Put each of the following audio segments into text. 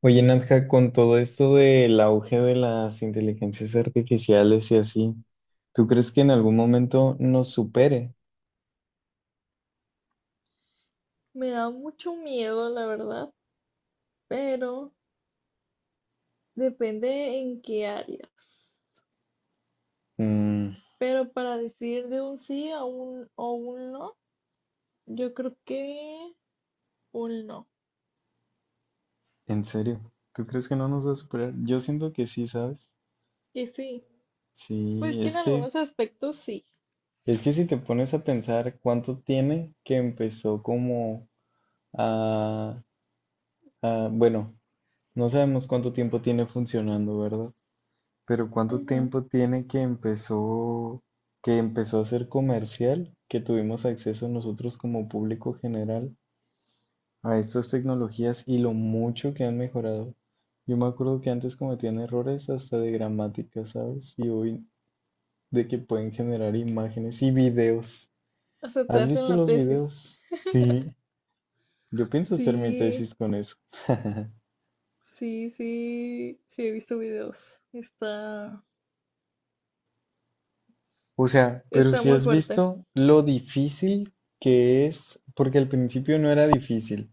Oye, Nadja, con todo esto del auge de las inteligencias artificiales y así, ¿tú crees que en algún momento nos supere? Me da mucho miedo, la verdad, pero depende en qué áreas. Mm, Pero para decir de un sí a un o un no, yo creo que un no. en serio, ¿tú crees que no nos va a superar? Yo siento que sí, ¿sabes? Que sí. Pues Sí, que es en que, algunos aspectos sí. es que si te pones a pensar cuánto tiene que empezó como a, bueno, no sabemos cuánto tiempo tiene funcionando, ¿verdad? Pero ¿cuánto Ujú. tiempo tiene que empezó a ser comercial, que tuvimos acceso nosotros como público general a estas tecnologías y lo mucho que han mejorado? Yo me acuerdo que antes cometían errores hasta de gramática, ¿sabes? Y hoy de que pueden generar imágenes y videos. O sea, te ¿Has hacen visto la los tesis. videos? Sí, yo pienso hacer mi Sí, tesis con eso. sí, sí, sí, he visto videos. O sea, pero Está si muy has fuerte. visto lo difícil que es, porque al principio no era difícil.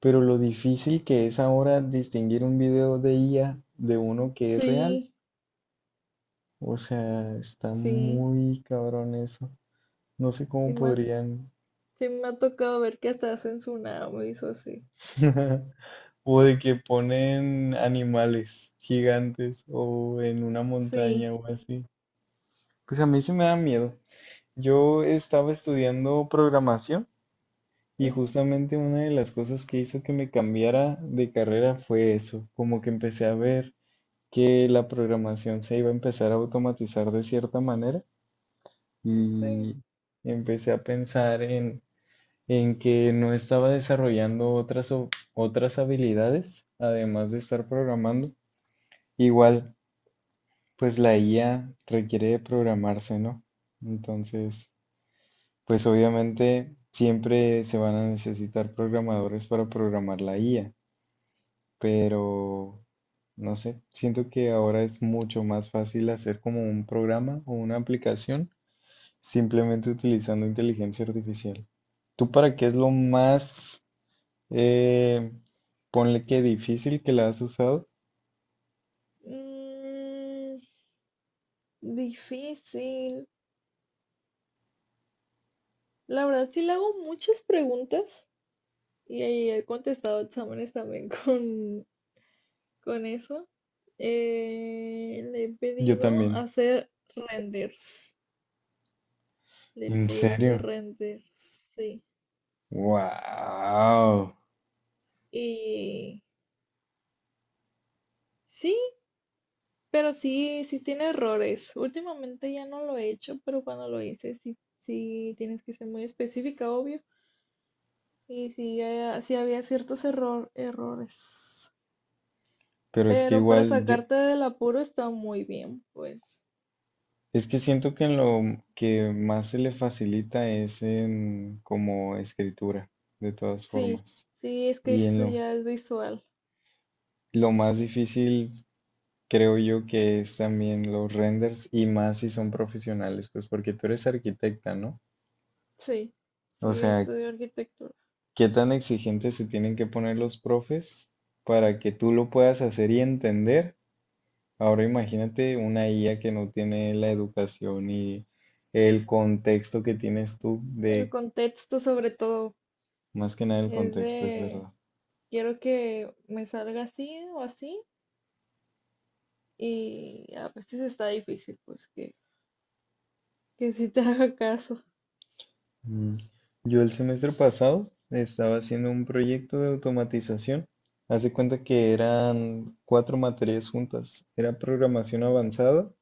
Pero lo difícil que es ahora distinguir un video de IA de uno que es real, Sí, o sea, está sí, muy cabrón eso. No sé cómo sí, podrían. sí me ha tocado ver que hasta hacen tsunamis o así. O de que ponen animales gigantes o en una Sí. montaña o así. Pues a mí se me da miedo. Yo estaba estudiando programación y justamente una de las cosas que hizo que me cambiara de carrera fue eso, como que empecé a ver que la programación se iba a empezar a automatizar de cierta manera Sí. y empecé a pensar en que no estaba desarrollando otras habilidades, además de estar programando. Igual, pues la IA requiere de programarse, ¿no? Entonces, pues obviamente siempre se van a necesitar programadores para programar la IA, pero no sé, siento que ahora es mucho más fácil hacer como un programa o una aplicación simplemente utilizando inteligencia artificial. ¿Tú para qué es lo más, eh, ponle que difícil que la has usado? Mm, difícil. La verdad, sí le hago muchas preguntas y ahí he contestado exámenes también con eso. Le he Yo pedido también. hacer renders. Le he ¿En pedido hacer serio? renders, sí. ¡Wow! Y sí, pero sí, tiene errores. Últimamente ya no lo he hecho, pero cuando lo hice, sí, tienes que ser muy específica, obvio. Y sí, sí había ciertos errores. Pero es que Pero para igual yo, sacarte del apuro está muy bien, pues. es que siento que en lo que más se le facilita es en como escritura, de todas Sí, formas. sí, es que Y en eso ya es visual. lo más difícil creo yo que es también los renders y más si son profesionales, pues porque tú eres arquitecta, ¿no? Sí, O sí, sea, estudio arquitectura. ¿qué tan exigentes se tienen que poner los profes para que tú lo puedas hacer y entender? Ahora imagínate una IA que no tiene la educación y el contexto que tienes tú El de, contexto sobre todo más que nada el es contexto, es de, verdad. quiero que me salga así o así. Y a veces está difícil, pues que sí te haga caso. Mm. Yo el semestre pasado estaba haciendo un proyecto de automatización. Hace cuenta que eran cuatro materias juntas. Era programación avanzada,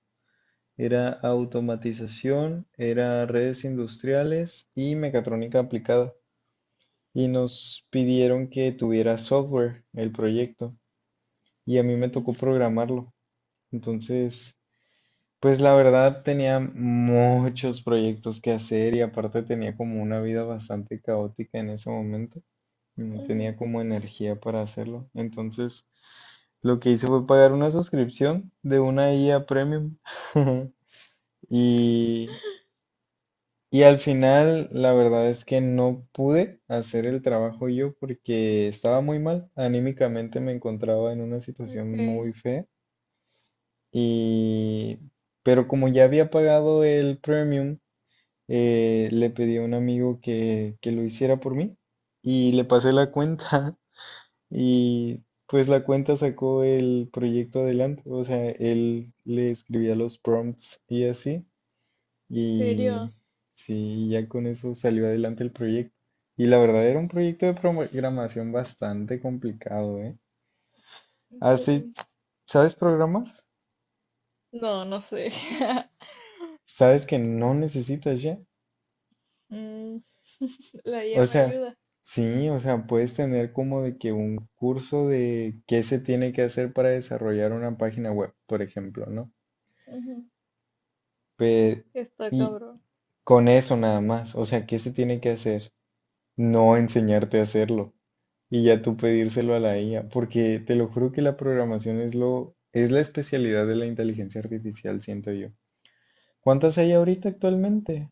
era automatización, era redes industriales y mecatrónica aplicada. Y nos pidieron que tuviera software el proyecto. Y a mí me tocó Ujú, programarlo. Entonces, pues la verdad tenía muchos proyectos que hacer y aparte tenía como una vida bastante caótica en ese momento. No tenía ujú. como energía para hacerlo. Entonces lo que hice fue pagar una suscripción de una IA Premium. Y, y al final la verdad es que no pude hacer el trabajo yo porque estaba muy mal. Anímicamente me encontraba en una Ok, situación ¿en muy fea. Y pero como ya había pagado el premium, le pedí a un amigo que lo hiciera por mí y le pasé la cuenta y pues la cuenta sacó el proyecto adelante, o sea, él le escribía los prompts y así y serio? sí, ya con eso salió adelante el proyecto. Y la verdad era un proyecto de programación bastante complicado, ¿eh? Ok. Así, ¿sabes programar? No, no sé. ¿Sabes que no necesitas ya? Mm, la O IA me sea, ayuda. sí, o sea, puedes tener como de que un curso de qué se tiene que hacer para desarrollar una página web, por ejemplo, ¿no? Ujú. Pero, Está y cabrón. con eso nada más, o sea, ¿qué se tiene que hacer? No enseñarte a hacerlo y ya tú pedírselo a la IA, porque te lo juro que la programación es lo, es la especialidad de la inteligencia artificial, siento yo. ¿Cuántas hay ahorita actualmente?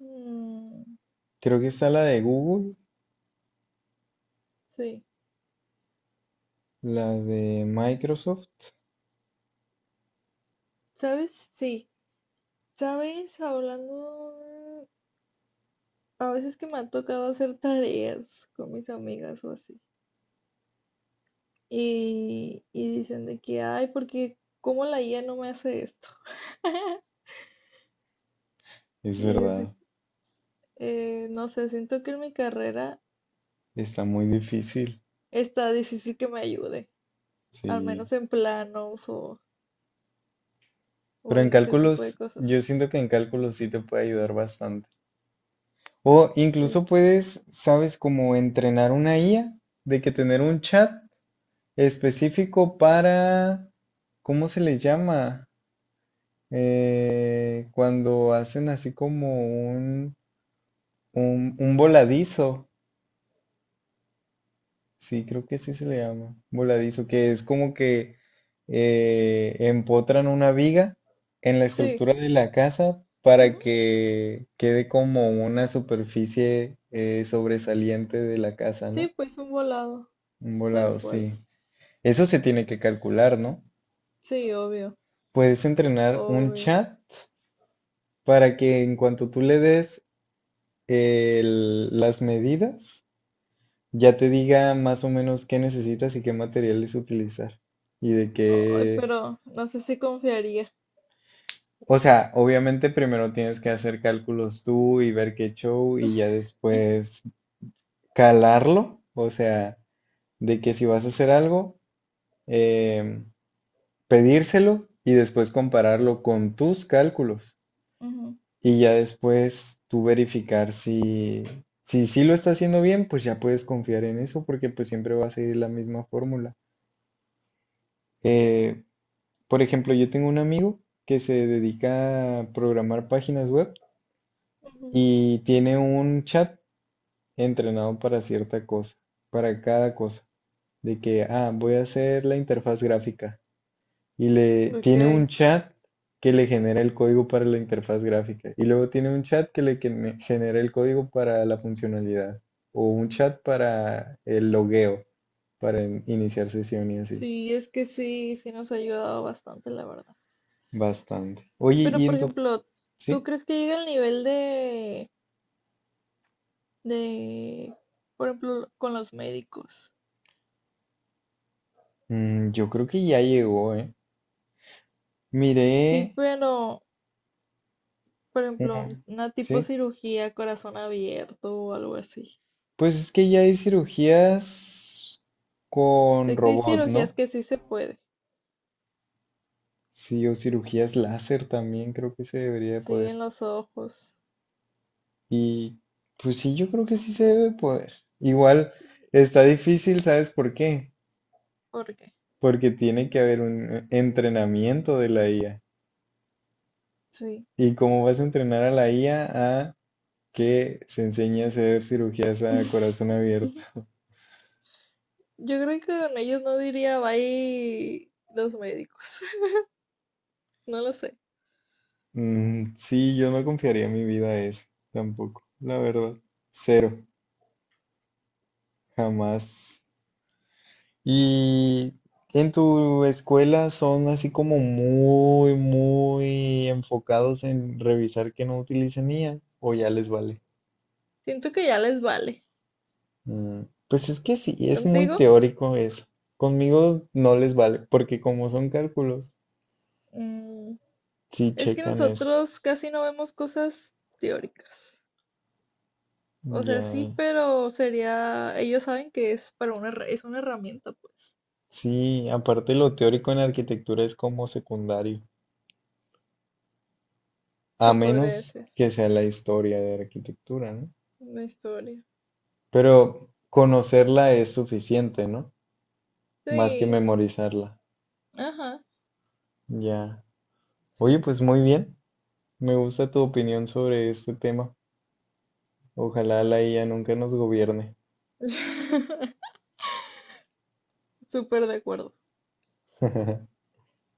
Mm, Creo que está la de Google, sí. la de Microsoft, ¿Sabes? Sí. ¿Sabes? Hablando, a veces que me ha tocado hacer tareas con mis amigas o así. Y dicen de que, ay, porque ¿cómo la IA no me hace esto? es Y es de- verdad. que no sé, siento que en mi carrera Está muy difícil, está difícil que me ayude, al sí. menos en o Pero en en ese tipo de cálculos, yo cosas. siento que en cálculos sí te puede ayudar bastante. O Sí. incluso puedes, sabes, como entrenar una IA, de que tener un chat específico para, ¿cómo se le llama? Cuando hacen así como un, un voladizo. Sí, creo que sí se le llama voladizo, que es como que empotran una viga en la Sí. estructura de la casa para que quede como una superficie sobresaliente de la casa, ¿no? Sí, pues un volado, Un tal volado, cual. sí. Eso se tiene que calcular, ¿no? Sí, obvio, Puedes entrenar un obvio. chat para que en cuanto tú le des las medidas, ya te diga más o menos qué necesitas y qué materiales utilizar y de Ay, qué. pero no sé si confiaría. O sea, obviamente primero tienes que hacer cálculos tú y ver qué show y ya después calarlo, o sea, de que si vas a hacer algo, em, pedírselo y después compararlo con tus cálculos Ujú, y ya después tú verificar si si sí lo está haciendo bien, pues ya puedes confiar en eso porque pues siempre va a seguir la misma fórmula. Eh, por ejemplo, yo tengo un amigo que se dedica a programar páginas web ujú. y tiene un chat entrenado para cierta cosa, para cada cosa, de que, ah, voy a hacer la interfaz gráfica y le tiene Ok. un chat que le genera el código para la interfaz gráfica y luego tiene un chat que le genera el código para la funcionalidad o un chat para el logueo, para iniciar sesión y así. Sí, es que sí, sí nos ha ayudado bastante, la verdad. Bastante. Oye, ¿y Pero, por en tu... ejemplo, ¿tú Sí? crees que llega al nivel de, por ejemplo, con los médicos? Mm, yo creo que ya llegó, ¿eh? Miré... Sí, pero, por ejemplo, un- un- una tipo ¿Sí? cirugía, corazón abierto o algo así. Pues es que ya hay cirugías con Sé que hay robot, cirugías ¿no? que sí se puede. Sí, o cirugías láser también creo que se debería de Sí, poder. en los ojos. Y pues sí, yo creo que sí se debe poder. Igual está difícil, ¿sabes por qué? ¿Por qué? Porque tiene que haber un entrenamiento de la IA. Sí. ¿Y cómo vas a entrenar a la IA a que se enseñe a hacer cirugías a corazón abierto? Yo creo que con ellos no diría bye los médicos. No lo sé. Sí, yo no confiaría mi vida a eso, tampoco, la verdad. Cero, jamás. Y en tu escuela son así como muy, muy enfocados en revisar que no utilicen IA o ya les vale. Siento que ya les vale. Mm, Pues es que sí, es muy ¿Contigo? teórico eso. Conmigo no les vale, porque como son cálculos, Mm, sí es que checan eso. nosotros casi no vemos cosas teóricas. O sea, Ya, sí, pero sería, ellos saben que es para una, es una herramienta, pues. sí, aparte lo teórico en arquitectura es como secundario, Se a podría menos decir, que sea la historia de arquitectura, ¿no? una historia. Pero conocerla es suficiente, ¿no? Más que Sí, memorizarla. ajá, Ya. Oye, sí, pues sí, sí. muy bien. Me gusta tu opinión sobre este tema. Ojalá la IA nunca nos gobierne. Súper de acuerdo.